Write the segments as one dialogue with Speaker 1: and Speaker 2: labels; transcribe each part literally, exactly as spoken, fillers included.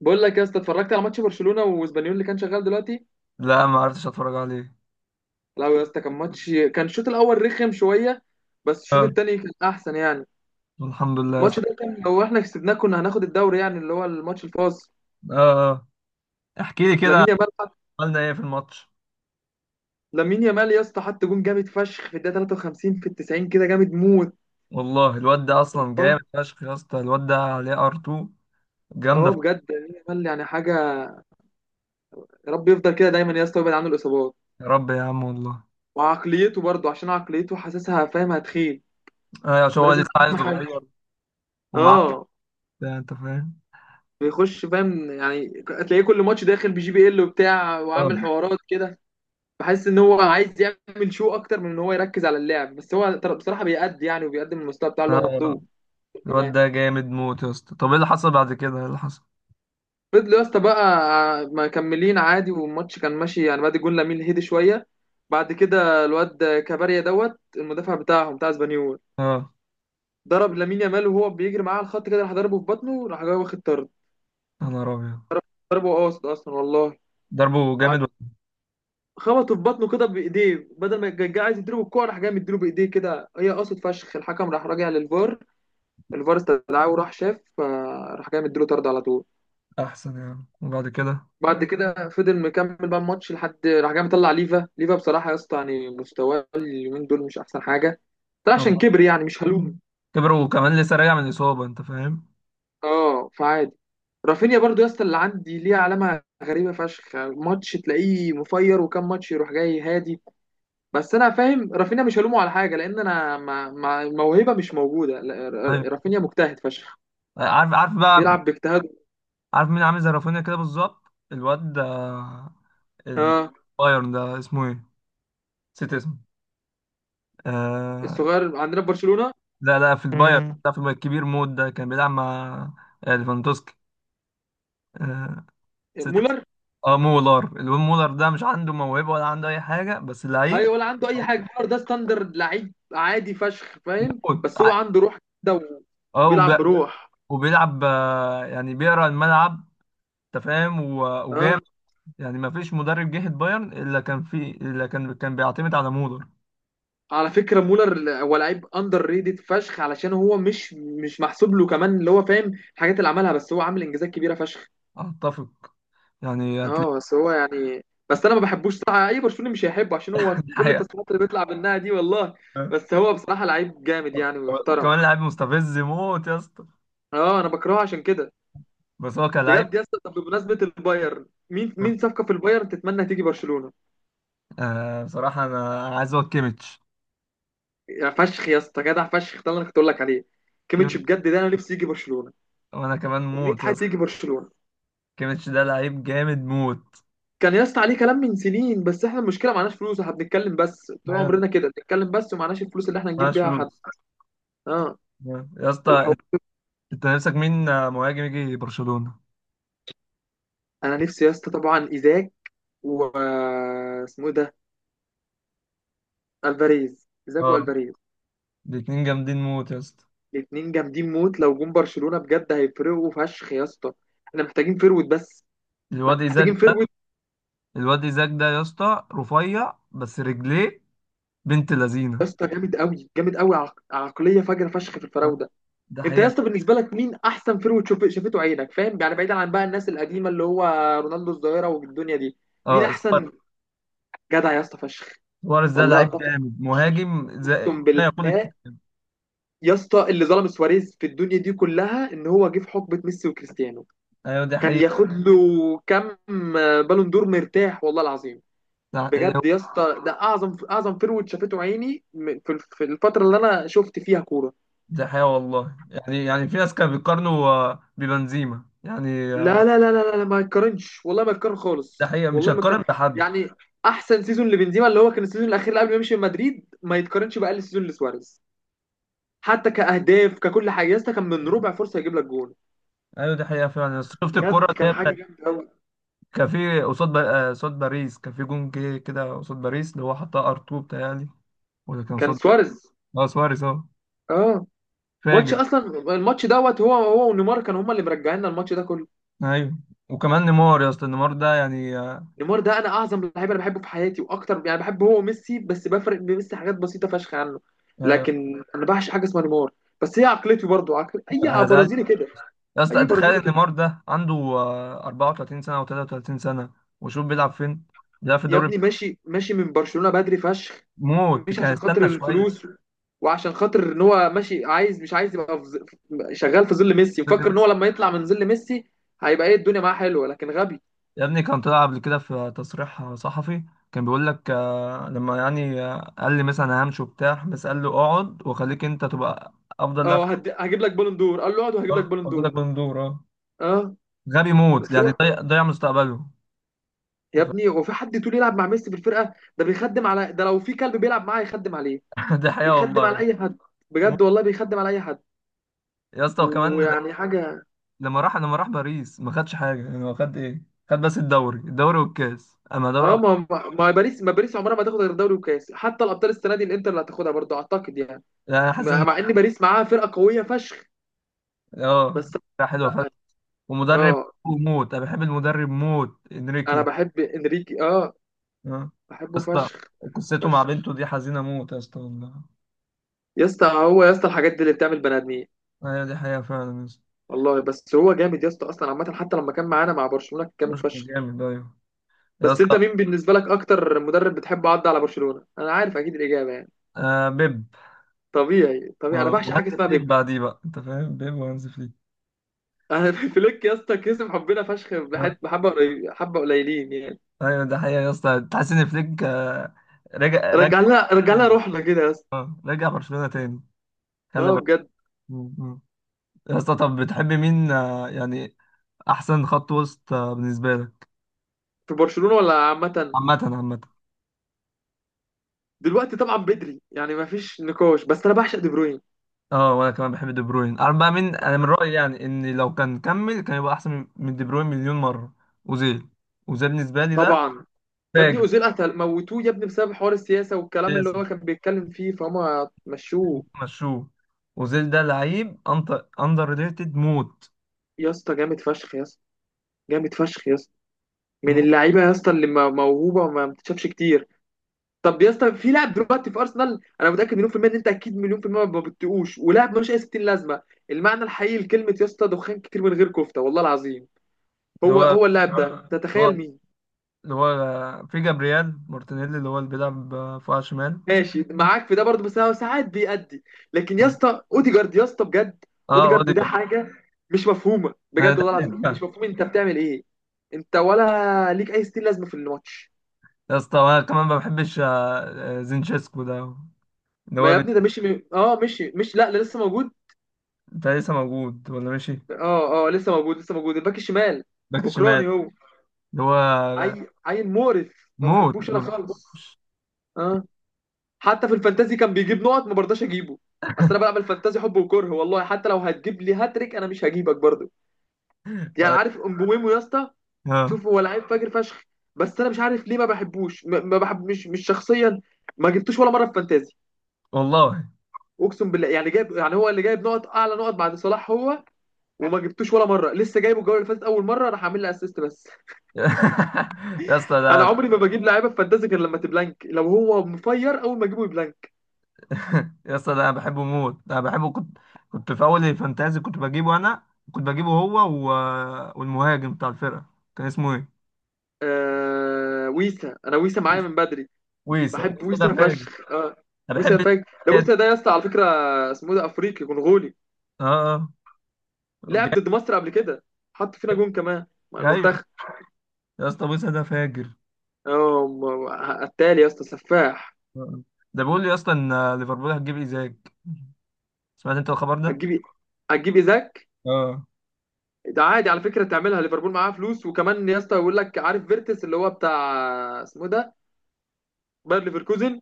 Speaker 1: بقول لك يا اسطى اتفرجت على ماتش برشلونه واسبانيول اللي كان شغال دلوقتي.
Speaker 2: لا، ما عرفتش اتفرج عليه.
Speaker 1: لا يا اسطى كان ماتش كان الشوط الاول رخم شويه. بس الشوط
Speaker 2: اه،
Speaker 1: التاني كان احسن يعني.
Speaker 2: الحمد لله يا
Speaker 1: الماتش
Speaker 2: اسطى.
Speaker 1: ده كان لو احنا كسبناه كنا هناخد الدوري يعني اللي هو الماتش الفاصل.
Speaker 2: اه. آه. احكي لي كده.
Speaker 1: لامين يامال حط-
Speaker 2: عملنا ايه في الماتش؟
Speaker 1: لامين يامال يا اسطى حط جون جامد فشخ في الدقيقه ثلاثة وخمسين في ال التسعين كده جامد موت.
Speaker 2: والله الواد ده اصلا
Speaker 1: اه،
Speaker 2: جامد فشخ يا اسطى. الواد ده عليه ار 2
Speaker 1: اه،
Speaker 2: جامده فشخ.
Speaker 1: بجد لامين يامال يعني حاجه. يا رب يفضل كده دايما يا اسطى ويبعد عنه الاصابات.
Speaker 2: يا رب يا عم والله.
Speaker 1: وعقليته برضه، عشان عقليته حاسسها فاهم، هتخيل.
Speaker 2: ايوه، عشان هو
Speaker 1: لازم.
Speaker 2: لسه عيل
Speaker 1: اهم
Speaker 2: صغير
Speaker 1: حاجه.
Speaker 2: ومعاه
Speaker 1: اه
Speaker 2: بتاع، انت فاهم.
Speaker 1: بيخش فاهم، يعني هتلاقيه كل ماتش داخل بجي بي ال وبتاع
Speaker 2: اه،
Speaker 1: وعامل حوارات كده. بحس ان هو عايز يعمل شو اكتر من ان هو يركز على اللعب، بس هو تر- بصراحه بيأدي يعني وبيقدم المستوى بتاعه اللي هو
Speaker 2: اه،
Speaker 1: مطلوب.
Speaker 2: الواد
Speaker 1: كمان
Speaker 2: ده جامد موت يا اسطى. طب ايه اللي حصل بعد كده، ايه اللي حصل؟
Speaker 1: فضلوا يا اسطى بقى مكملين عادي، والماتش كان ماشي يعني بعد جون لامين هدي شويه. بعد كده الواد كباريا دوت المدافع بتاعهم بتاع اسبانيول
Speaker 2: اه،
Speaker 1: ضرب لامين يامال وهو بيجري معاه على الخط كده، راح ضربه في بطنه، راح جاي واخد طرد.
Speaker 2: يا نهار ابيض!
Speaker 1: ضربه قاصد اصلا والله.
Speaker 2: ضربه جامد ولا؟
Speaker 1: خبطه في بطنه كده بايديه، بدل ما كان جاي عايز يديله بالكوع راح جاي مديله بايديه كده، هي قصد فشخ. الحكم راح راجع للفار، الفار استدعاه وراح شاف فراح جاي مديله طرد على طول.
Speaker 2: احسن يعني. وبعد كده
Speaker 1: بعد كده فضل مكمل بقى الماتش لحد راح جاي مطلع ليفا. ليفا بصراحه يا اسطى يعني مستواه اليومين دول مش احسن حاجه. ده عشان
Speaker 2: آه.
Speaker 1: كبر يعني، مش هلوم.
Speaker 2: كبر وكمان لسه راجع من الاصابه، انت فاهم.
Speaker 1: اه فعادي. رافينيا برضو يا اسطى اللي عندي ليه علامه غريبه فشخ، ماتش تلاقيه مفير وكم ماتش يروح جاي هادي. بس انا فاهم رافينيا مش هلومه على حاجه، لان انا ما ما موهبه مش موجوده لا، ر-
Speaker 2: ايوه،
Speaker 1: ر- رافينيا مجتهد فشخ.
Speaker 2: عارف عارف بقى.
Speaker 1: بيلعب باجتهاده.
Speaker 2: عارف مين عامل زي رافينيا كده بالظبط؟ الواد ده
Speaker 1: اه
Speaker 2: البايرن ده اسمه ايه؟ نسيت اسمه. آه.
Speaker 1: الصغير عندنا في برشلونه.
Speaker 2: لا، لا، في البايرن،
Speaker 1: مم.
Speaker 2: لا، في البايرن الكبير مود ده كان بيلعب مع آه، ليفاندوسكي. آه، نسيت اسمه.
Speaker 1: مولر.
Speaker 2: اه، مولر. الواد مولر ده مش عنده موهبة ولا عنده أي حاجة بس لعيب
Speaker 1: ايوه ولا عنده اي حاجه، مولر ده ستاندرد لعيب عادي فشخ فاهم،
Speaker 2: موت.
Speaker 1: بس هو
Speaker 2: ع-
Speaker 1: عنده روح كده
Speaker 2: اه
Speaker 1: وبيلعب
Speaker 2: وب-
Speaker 1: بروح.
Speaker 2: وبيلعب، آه، يعني بيقرا الملعب. انت فاهم، و- وجامد.
Speaker 1: اه
Speaker 2: يعني ما فيش مدرب جه البايرن الا كان في الا كان كان بيعتمد على مولر.
Speaker 1: على فكره مولر هو لعيب اندر ريتد فشخ، علشان هو مش مش محسوب له كمان اللي هو فاهم الحاجات اللي عملها، بس هو عامل انجازات كبيره فشخ.
Speaker 2: اتفق يعني.
Speaker 1: اه بس هو يعني، بس انا ما بحبوش صراحه، اي برشلوني مش هيحبه عشان هو كل
Speaker 2: هتلاقي
Speaker 1: التصريحات اللي بيطلع منها دي والله.
Speaker 2: آه.
Speaker 1: بس هو بصراحه لعيب جامد يعني ويحترم.
Speaker 2: وكمان لعيب مستفز موت يا اسطى
Speaker 1: اه انا بكرهه عشان كده.
Speaker 2: بس هو كلاعب.
Speaker 1: بجد. يا اسطى طب بمناسبه البايرن، مين مين صفقه في البايرن تتمنى تيجي برشلونه؟
Speaker 2: آه، بصراحة أنا أنا عايز أقول كيميتش،
Speaker 1: يا فشخ يا اسطى جدع فشخ ده اللي انا كنت اقول لك عليه. كيميتش
Speaker 2: كيميتش،
Speaker 1: بجد ده انا نفسي يجي برشلونه.
Speaker 2: وأنا كمان
Speaker 1: ومنين
Speaker 2: موت يا
Speaker 1: حد
Speaker 2: اسطى.
Speaker 1: يجي برشلونه؟
Speaker 2: كيميتش ده لعيب جامد موت.
Speaker 1: كان يا اسطى عليه كلام من سنين، بس احنا المشكله معناش فلوس، احنا بنتكلم بس طول
Speaker 2: أيوة، ده
Speaker 1: عمرنا كده، بنتكلم بس ومعناش الفلوس اللي احنا نجيب
Speaker 2: ملهاش
Speaker 1: بيها حد.
Speaker 2: فلوس
Speaker 1: اه.
Speaker 2: يا
Speaker 1: والحوار.
Speaker 2: اسطى. أنت نفسك مين آه، مهاجم يجي برشلونة؟
Speaker 1: انا نفسي يا اسطى طبعا ايزاك. واسمه ايه ده؟ الفاريز، زاكو
Speaker 2: أه،
Speaker 1: الفاريز.
Speaker 2: الاتنين جامدين موت يا اسطى.
Speaker 1: الاتنين جامدين موت، لو جم برشلونة بجد هيفرقوا فشخ يا اسطى. احنا محتاجين فيرويد بس.
Speaker 2: الواد إيزاك
Speaker 1: محتاجين
Speaker 2: ده
Speaker 1: فيرويد.
Speaker 2: الواد إيزاك ده يا اسطى رفيع بس رجليه بنت
Speaker 1: يا
Speaker 2: لذينة.
Speaker 1: اسطى جامد قوي، جامد قوي، عق... عقلية فجرة فشخ في الفراودة.
Speaker 2: ده
Speaker 1: انت يا
Speaker 2: حقيقة.
Speaker 1: اسطى بالنسبة لك مين احسن فيرويد شوف... شافته عينك فاهم يعني، بعيدا عن بقى الناس القديمة اللي هو رونالدو الظاهرة والدنيا دي؟ مين
Speaker 2: أه، سواريز.
Speaker 1: احسن؟ جدع يا اسطى فشخ.
Speaker 2: سواريز ده
Speaker 1: والله
Speaker 2: لعيب
Speaker 1: اتفق.
Speaker 2: جامد، مهاجم
Speaker 1: اقسم
Speaker 2: زي ما
Speaker 1: بالله.
Speaker 2: يقول الكلمة.
Speaker 1: يا اسطى اللي ظلم سواريز في الدنيا دي كلها ان هو جه في حقبة ميسي وكريستيانو.
Speaker 2: أيوة، دي
Speaker 1: كان
Speaker 2: حقيقة.
Speaker 1: ياخد له كم بالون دور مرتاح والله العظيم.
Speaker 2: ده
Speaker 1: بجد يا اسطى ده اعظم اعظم فيرود شافته عيني م- في الف- في الفتره اللي انا شفت فيها كوره.
Speaker 2: ده حقيقة والله. يعني يعني في ناس كانوا بيقارنوا آه، ببنزيما يعني. آه،
Speaker 1: لا، لا، لا، لا، لا، ما يتقارنش والله، ما يتقارن
Speaker 2: ده
Speaker 1: خالص،
Speaker 2: حقيقة مش
Speaker 1: والله ما يتقارن.
Speaker 2: هتقارن بحد.
Speaker 1: يعني احسن سيزون لبنزيما اللي هو كان السيزون الاخير اللي قبل ما يمشي من مدريد ما يتقارنش باقل سيزون لسواريز. حتى كاهداف ككل حاجه يا اسطى كان من ربع فرصه يجيب لك جون.
Speaker 2: ايوه، ده حقيقة فعلا. بس شفت الكرة
Speaker 1: بجد
Speaker 2: اللي هي
Speaker 1: كان حاجه
Speaker 2: بتاعت؟
Speaker 1: جامده قوي.
Speaker 2: كان في قصاد با- آه، قصاد باريس. كان في جون جه كده قصاد باريس اللي هو حطها ار2 بتهيألي. ولا كان
Speaker 1: كان
Speaker 2: قصاد؟
Speaker 1: سواريز.
Speaker 2: اه، سواريز. اه،
Speaker 1: اه ماتش
Speaker 2: فاجر.
Speaker 1: اصلا. الماتش دوت هو، هو ونيمار كانوا هما اللي مرجعينا الماتش ده كله.
Speaker 2: ايوه. وكمان نيمار يا اسطى، نيمار ده يعني، آه،
Speaker 1: نيمار ده انا اعظم لعيب انا بحبه في حياتي، واكتر يعني بحبه هو وميسي، بس بفرق بميسي حاجات بسيطه فشخ عنه.
Speaker 2: آه،
Speaker 1: لكن انا بعشق حاجه اسمها نيمار. بس هي عقلتي برضو عقل اي
Speaker 2: انا زعلت.
Speaker 1: برازيلي كده.
Speaker 2: يا اسطى
Speaker 1: اي
Speaker 2: تخيل
Speaker 1: برازيلي
Speaker 2: ان
Speaker 1: كده.
Speaker 2: نيمار ده عنده آه، 34 سنة او 33 سنة. وشوف بيلعب فين، بيلعب في
Speaker 1: يا
Speaker 2: الدوري.
Speaker 1: ابني ماشي، ماشي من برشلونه بدري فشخ.
Speaker 2: موت.
Speaker 1: مش
Speaker 2: كان
Speaker 1: عشان خاطر
Speaker 2: استنى شوية.
Speaker 1: الفلوس. وعشان خاطر ان هو ماشي، عايز مش عايز يبقى في ظ- شغال في ظل ميسي، مفكر ان هو لما يطلع من ظل ميسي هيبقى ايه الدنيا معاه حلوه، لكن غبي.
Speaker 2: يا ابني كان طلع قبل كده في تصريح صحفي. كان بيقول لك آه، لما يعني آه، قال لي مثلا أنا همشي وبتاع، بس قال له اقعد وخليك انت تبقى افضل لاعب في
Speaker 1: اه هد- هجيب لك بالون دور، قال له اقعد وهجيب لك
Speaker 2: الكورة
Speaker 1: بالون
Speaker 2: واجيب
Speaker 1: دور.
Speaker 2: لك بندور. اه.
Speaker 1: اه
Speaker 2: غبي موت.
Speaker 1: بس
Speaker 2: يعني
Speaker 1: هو،
Speaker 2: ضيع ضيع مستقبله.
Speaker 1: يا
Speaker 2: أنت
Speaker 1: ابني هو في حد تقول يلعب مع ميسي في الفرقه ده بيخدم على ده، لو في كلب بيلعب معاه يخدم عليه.
Speaker 2: فاهم؟ دي حقيقة
Speaker 1: بيخدم
Speaker 2: والله.
Speaker 1: على اي حد.
Speaker 2: موت.
Speaker 1: بجد والله بيخدم على اي حد.
Speaker 2: يا اسطى وكمان ل-
Speaker 1: ويعني حاجه.
Speaker 2: لما راح لما راح باريس ما خدش حاجة. يعني هو خد ايه؟ خد بس الدوري، الدوري والكاس، اما دوري
Speaker 1: اه
Speaker 2: أبطال-.
Speaker 1: ما ما ما باريس ما باريس عمرها ما تاخد غير دوري وكاس، حتى الابطال السنه دي الانتر اللي هتاخدها برضه اعتقد يعني.
Speaker 2: يعني أنا حاسس
Speaker 1: مع
Speaker 2: ان
Speaker 1: مع ان باريس معاها فرقه قويه فشخ
Speaker 2: اه
Speaker 1: بس.
Speaker 2: حلوه فشخ.
Speaker 1: لا.
Speaker 2: ومدرب
Speaker 1: اه
Speaker 2: موت. انا بحب المدرب موت
Speaker 1: انا
Speaker 2: انريكي.
Speaker 1: بحب انريكي، اه.
Speaker 2: آه. يا
Speaker 1: بحبه
Speaker 2: اسطى،
Speaker 1: فشخ.
Speaker 2: قصته مع
Speaker 1: فشخ
Speaker 2: بنته دي حزينة موت يا اسطى والله.
Speaker 1: يا اسطى، هو يا اسطى الحاجات دي اللي بتعمل بني ادمين.
Speaker 2: ايوه، دي حقيقة فعلا يا اسطى.
Speaker 1: والله بس هو جامد يا اسطى اصلا عامه، حتى لما كان معانا مع برشلونه كان جامد
Speaker 2: مش
Speaker 1: فشخ.
Speaker 2: جامد، ايوه يا
Speaker 1: بس انت
Speaker 2: اسطى.
Speaker 1: مين بالنسبه لك اكتر مدرب بتحب عدى على برشلونه؟ انا عارف اكيد الاجابه يعني.
Speaker 2: آه، بيب.
Speaker 1: طبيعي، طبيعي، انا
Speaker 2: آه،
Speaker 1: بعشق
Speaker 2: وهانز
Speaker 1: حاجه اسمها
Speaker 2: فليك
Speaker 1: بيب.
Speaker 2: بعديه بقى، انت فاهم؟ بيب وهانز فليك.
Speaker 1: انا فليك يا اسطى كسب حبنا فشخ،
Speaker 2: آه.
Speaker 1: بحت- بحبه قليل- حبه قليلين يعني.
Speaker 2: ايوه، ده حقيقة يا اسطى. تحس ان فليك آه رجع رجع
Speaker 1: رجع لها، رجع لها
Speaker 2: تاني
Speaker 1: روحنا كده يا اسطى.
Speaker 2: رجع برشلونة تاني. خلى
Speaker 1: اه
Speaker 2: بر-.
Speaker 1: بجد.
Speaker 2: مم. مم. يا اسطى طب بتحب مين آه يعني احسن خط وسط آه بالنسبة لك؟
Speaker 1: في برشلونه ولا عامه؟
Speaker 2: عامة عامة.
Speaker 1: دلوقتي طبعا بدري يعني ما فيش نقاش، بس انا بعشق دي بروين.
Speaker 2: اه، وانا كمان بحب دي بروين. انا بقى من انا من رايي يعني ان لو كان كمل كان يبقى احسن من من دي بروين مليون مره. اوزيل. اوزيل بالنسبه لي ده
Speaker 1: طبعا. يا ابني
Speaker 2: فاجر
Speaker 1: اوزيل قتل، موتوه يا ابني بسبب حوار السياسه والكلام اللي
Speaker 2: اساسا،
Speaker 1: هو كان بيتكلم فيه، فهم مشوه.
Speaker 2: مشوه. اوزيل ده لعيب اندر ريتد موت
Speaker 1: يا اسطى جامد فشخ يا اسطى. جامد فشخ يا اسطى. من
Speaker 2: موت.
Speaker 1: اللعيبه يا اسطى اللي م- موهوبه وما بتتشافش كتير. طب يا اسطى، في لاعب دلوقتي في ارسنال، انا متاكد مليون في الميه ان انت اكيد مليون في الميه ما بتقوش، ولاعب ملوش اي ستين لازمه. المعنى الحقيقي لكلمه يا اسطى دخان كتير من غير كفته والله العظيم.
Speaker 2: اللي
Speaker 1: هو،
Speaker 2: هو
Speaker 1: هو اللاعب ده آه.
Speaker 2: اللي هو
Speaker 1: تتخيل مين؟
Speaker 2: اللي هو في جابرييل مارتينيلي، اللي هو اللي بيلعب فوق شمال.
Speaker 1: ماشي معاك في ده برضه بس هو ساعات بيأدي. لكن يا اسطى اوديجارد، يا اسطى بجد.
Speaker 2: اه،
Speaker 1: اوديجارد ده
Speaker 2: اوديجارد.
Speaker 1: حاجه مش مفهومه
Speaker 2: انا
Speaker 1: بجد
Speaker 2: ده
Speaker 1: والله العظيم،
Speaker 2: حلو.
Speaker 1: مش مفهوم انت بتعمل ايه. انت ولا ليك اي ستين لازمه في الماتش.
Speaker 2: يا اسطى انا كمان ما بحبش آه، آه، زينشيسكو ده اللي
Speaker 1: ما
Speaker 2: هو
Speaker 1: يا
Speaker 2: بت-.
Speaker 1: ابني ده مشي من... اه مشي، مش، لا، لا لسه موجود.
Speaker 2: ده لسه موجود ولا ماشي؟
Speaker 1: اه، اه، لسه موجود، لسه موجود، الباك الشمال.
Speaker 2: باك شمال.
Speaker 1: اوكراني هو.
Speaker 2: اللي هو
Speaker 1: عيل، عيل مقرف ما
Speaker 2: موت
Speaker 1: بحبوش
Speaker 2: ما
Speaker 1: انا خالص.
Speaker 2: بحبوش.
Speaker 1: اه حتى في الفانتازي كان بيجيب نقط، ما برضاش اجيبه. اصل انا بلعب الفانتازي حب وكره والله، حتى لو هتجيب لي هاتريك انا مش هجيبك برضه. يعني عارف امبوميمو يا اسطى؟
Speaker 2: اه
Speaker 1: شوف هو لعيب فاجر فشخ، بس انا مش عارف ليه ما بحبوش، ما ما بحب، مش مش شخصيا. ما جبتوش ولا مره في فانتازي.
Speaker 2: والله.
Speaker 1: اقسم بالله، يعني جايب يعني هو اللي جايب نقط اعلى نقط بعد صلاح هو. وما جبتوش ولا مره، لسه جايبه الجوله اللي فاتت اول مره راح اعمل له اسيست بس.
Speaker 2: يا اسطى
Speaker 1: انا
Speaker 2: ده،
Speaker 1: عمري ما بجيب لعيبه في فانتازي غير لما تبلانك، لو هو مفير اول ما اجيبه يبلانك.
Speaker 2: يا اسطى ده انا بحبه موت. ده انا بحبه. كنت كنت في اول الفانتازي كنت بجيبه. انا كنت بجيبه هو و... والمهاجم بتاع الفرقه كان اسمه ايه؟
Speaker 1: آه ويسا، انا ويسا معايا من بدري.
Speaker 2: ويسا.
Speaker 1: بحب
Speaker 2: ويسا ده
Speaker 1: ويسا
Speaker 2: فاجر.
Speaker 1: فشخ، آه.
Speaker 2: انا
Speaker 1: ويسا
Speaker 2: بحب
Speaker 1: فشخ، ده
Speaker 2: الشخصية دي.
Speaker 1: ويسا ده يا اسطى على فكره اسمه ده افريقي كونغولي.
Speaker 2: اه، اه،
Speaker 1: لعب
Speaker 2: جامد.
Speaker 1: ضد مصر قبل كده. حط فينا جون كمان، مع
Speaker 2: ايوه
Speaker 1: المنتخب.
Speaker 2: يا اسطى، ويسا ده فاجر.
Speaker 1: اه م- قتال يا اسطى، سفاح.
Speaker 2: آه. ده بيقول لي يا اسطى ان ليفربول هتجيب ايزاك. سمعت انت الخبر ده؟
Speaker 1: هتجيب إيه؟ هتجيب ايزاك.
Speaker 2: اه،
Speaker 1: ده عادي على فكره تعملها ليفربول، معاها فلوس. وكمان يا اسطى يقول لك عارف فيرتس اللي هو بتاع، اسمه ده باير ليفركوزن.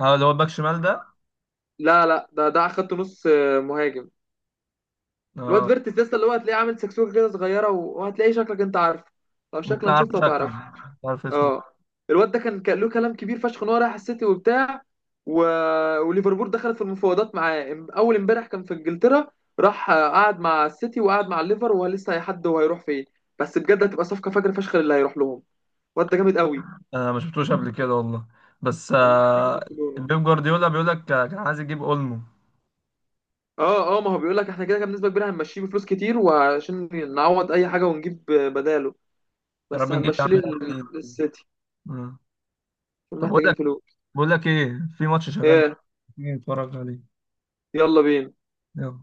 Speaker 2: اه، اللي هو الباك شمال ده.
Speaker 1: لا لا، ده ده خدت نص. مهاجم. الواد
Speaker 2: اه،
Speaker 1: فيرتس لسه، اللي هو هتلاقيه عامل سكسوكه كده صغيره و- وهتلاقيه شكلك انت عارفه. لو
Speaker 2: ممكن
Speaker 1: شكلا
Speaker 2: اعرف
Speaker 1: شفته
Speaker 2: شكله،
Speaker 1: هتعرفه.
Speaker 2: مش عارف اسمه.
Speaker 1: اه الواد ده كان كان له كلام كبير فشخ ان هو رايح السيتي وبتاع. و... وليفربول دخلت في المفاوضات معاه، ام- اول امبارح كان في انجلترا. راح آه، قعد مع السيتي وقعد مع الليفر، وهو لسه هيحدد هو هيروح فين. بس بجد هتبقى صفقه فجر فشخ اللي هيروح لهم. الواد ده جامد قوي.
Speaker 2: انا ما شفتوش قبل كده والله، بس
Speaker 1: كان نفسي يجي
Speaker 2: آه،
Speaker 1: برشلونه.
Speaker 2: بيب جوارديولا بيقول لك آه، كان عايز يجيب اولمو.
Speaker 1: اه، اه، ما هو بيقول لك احنا كده كده بنسبه كبيره هنمشيه بفلوس كتير، وعشان نعوض اي حاجه ونجيب بداله.
Speaker 2: يا
Speaker 1: بس
Speaker 2: رب نجيب يا
Speaker 1: هنمشيه
Speaker 2: عم لاعب
Speaker 1: لل-
Speaker 2: تاني.
Speaker 1: للسيتي.
Speaker 2: آه. طب بقول
Speaker 1: محتاجين
Speaker 2: لك
Speaker 1: فلوس.
Speaker 2: بقول لك ايه؟ في ماتش شغال،
Speaker 1: ايه؟
Speaker 2: تيجي نتفرج عليه؟
Speaker 1: يلا بينا.
Speaker 2: يلا.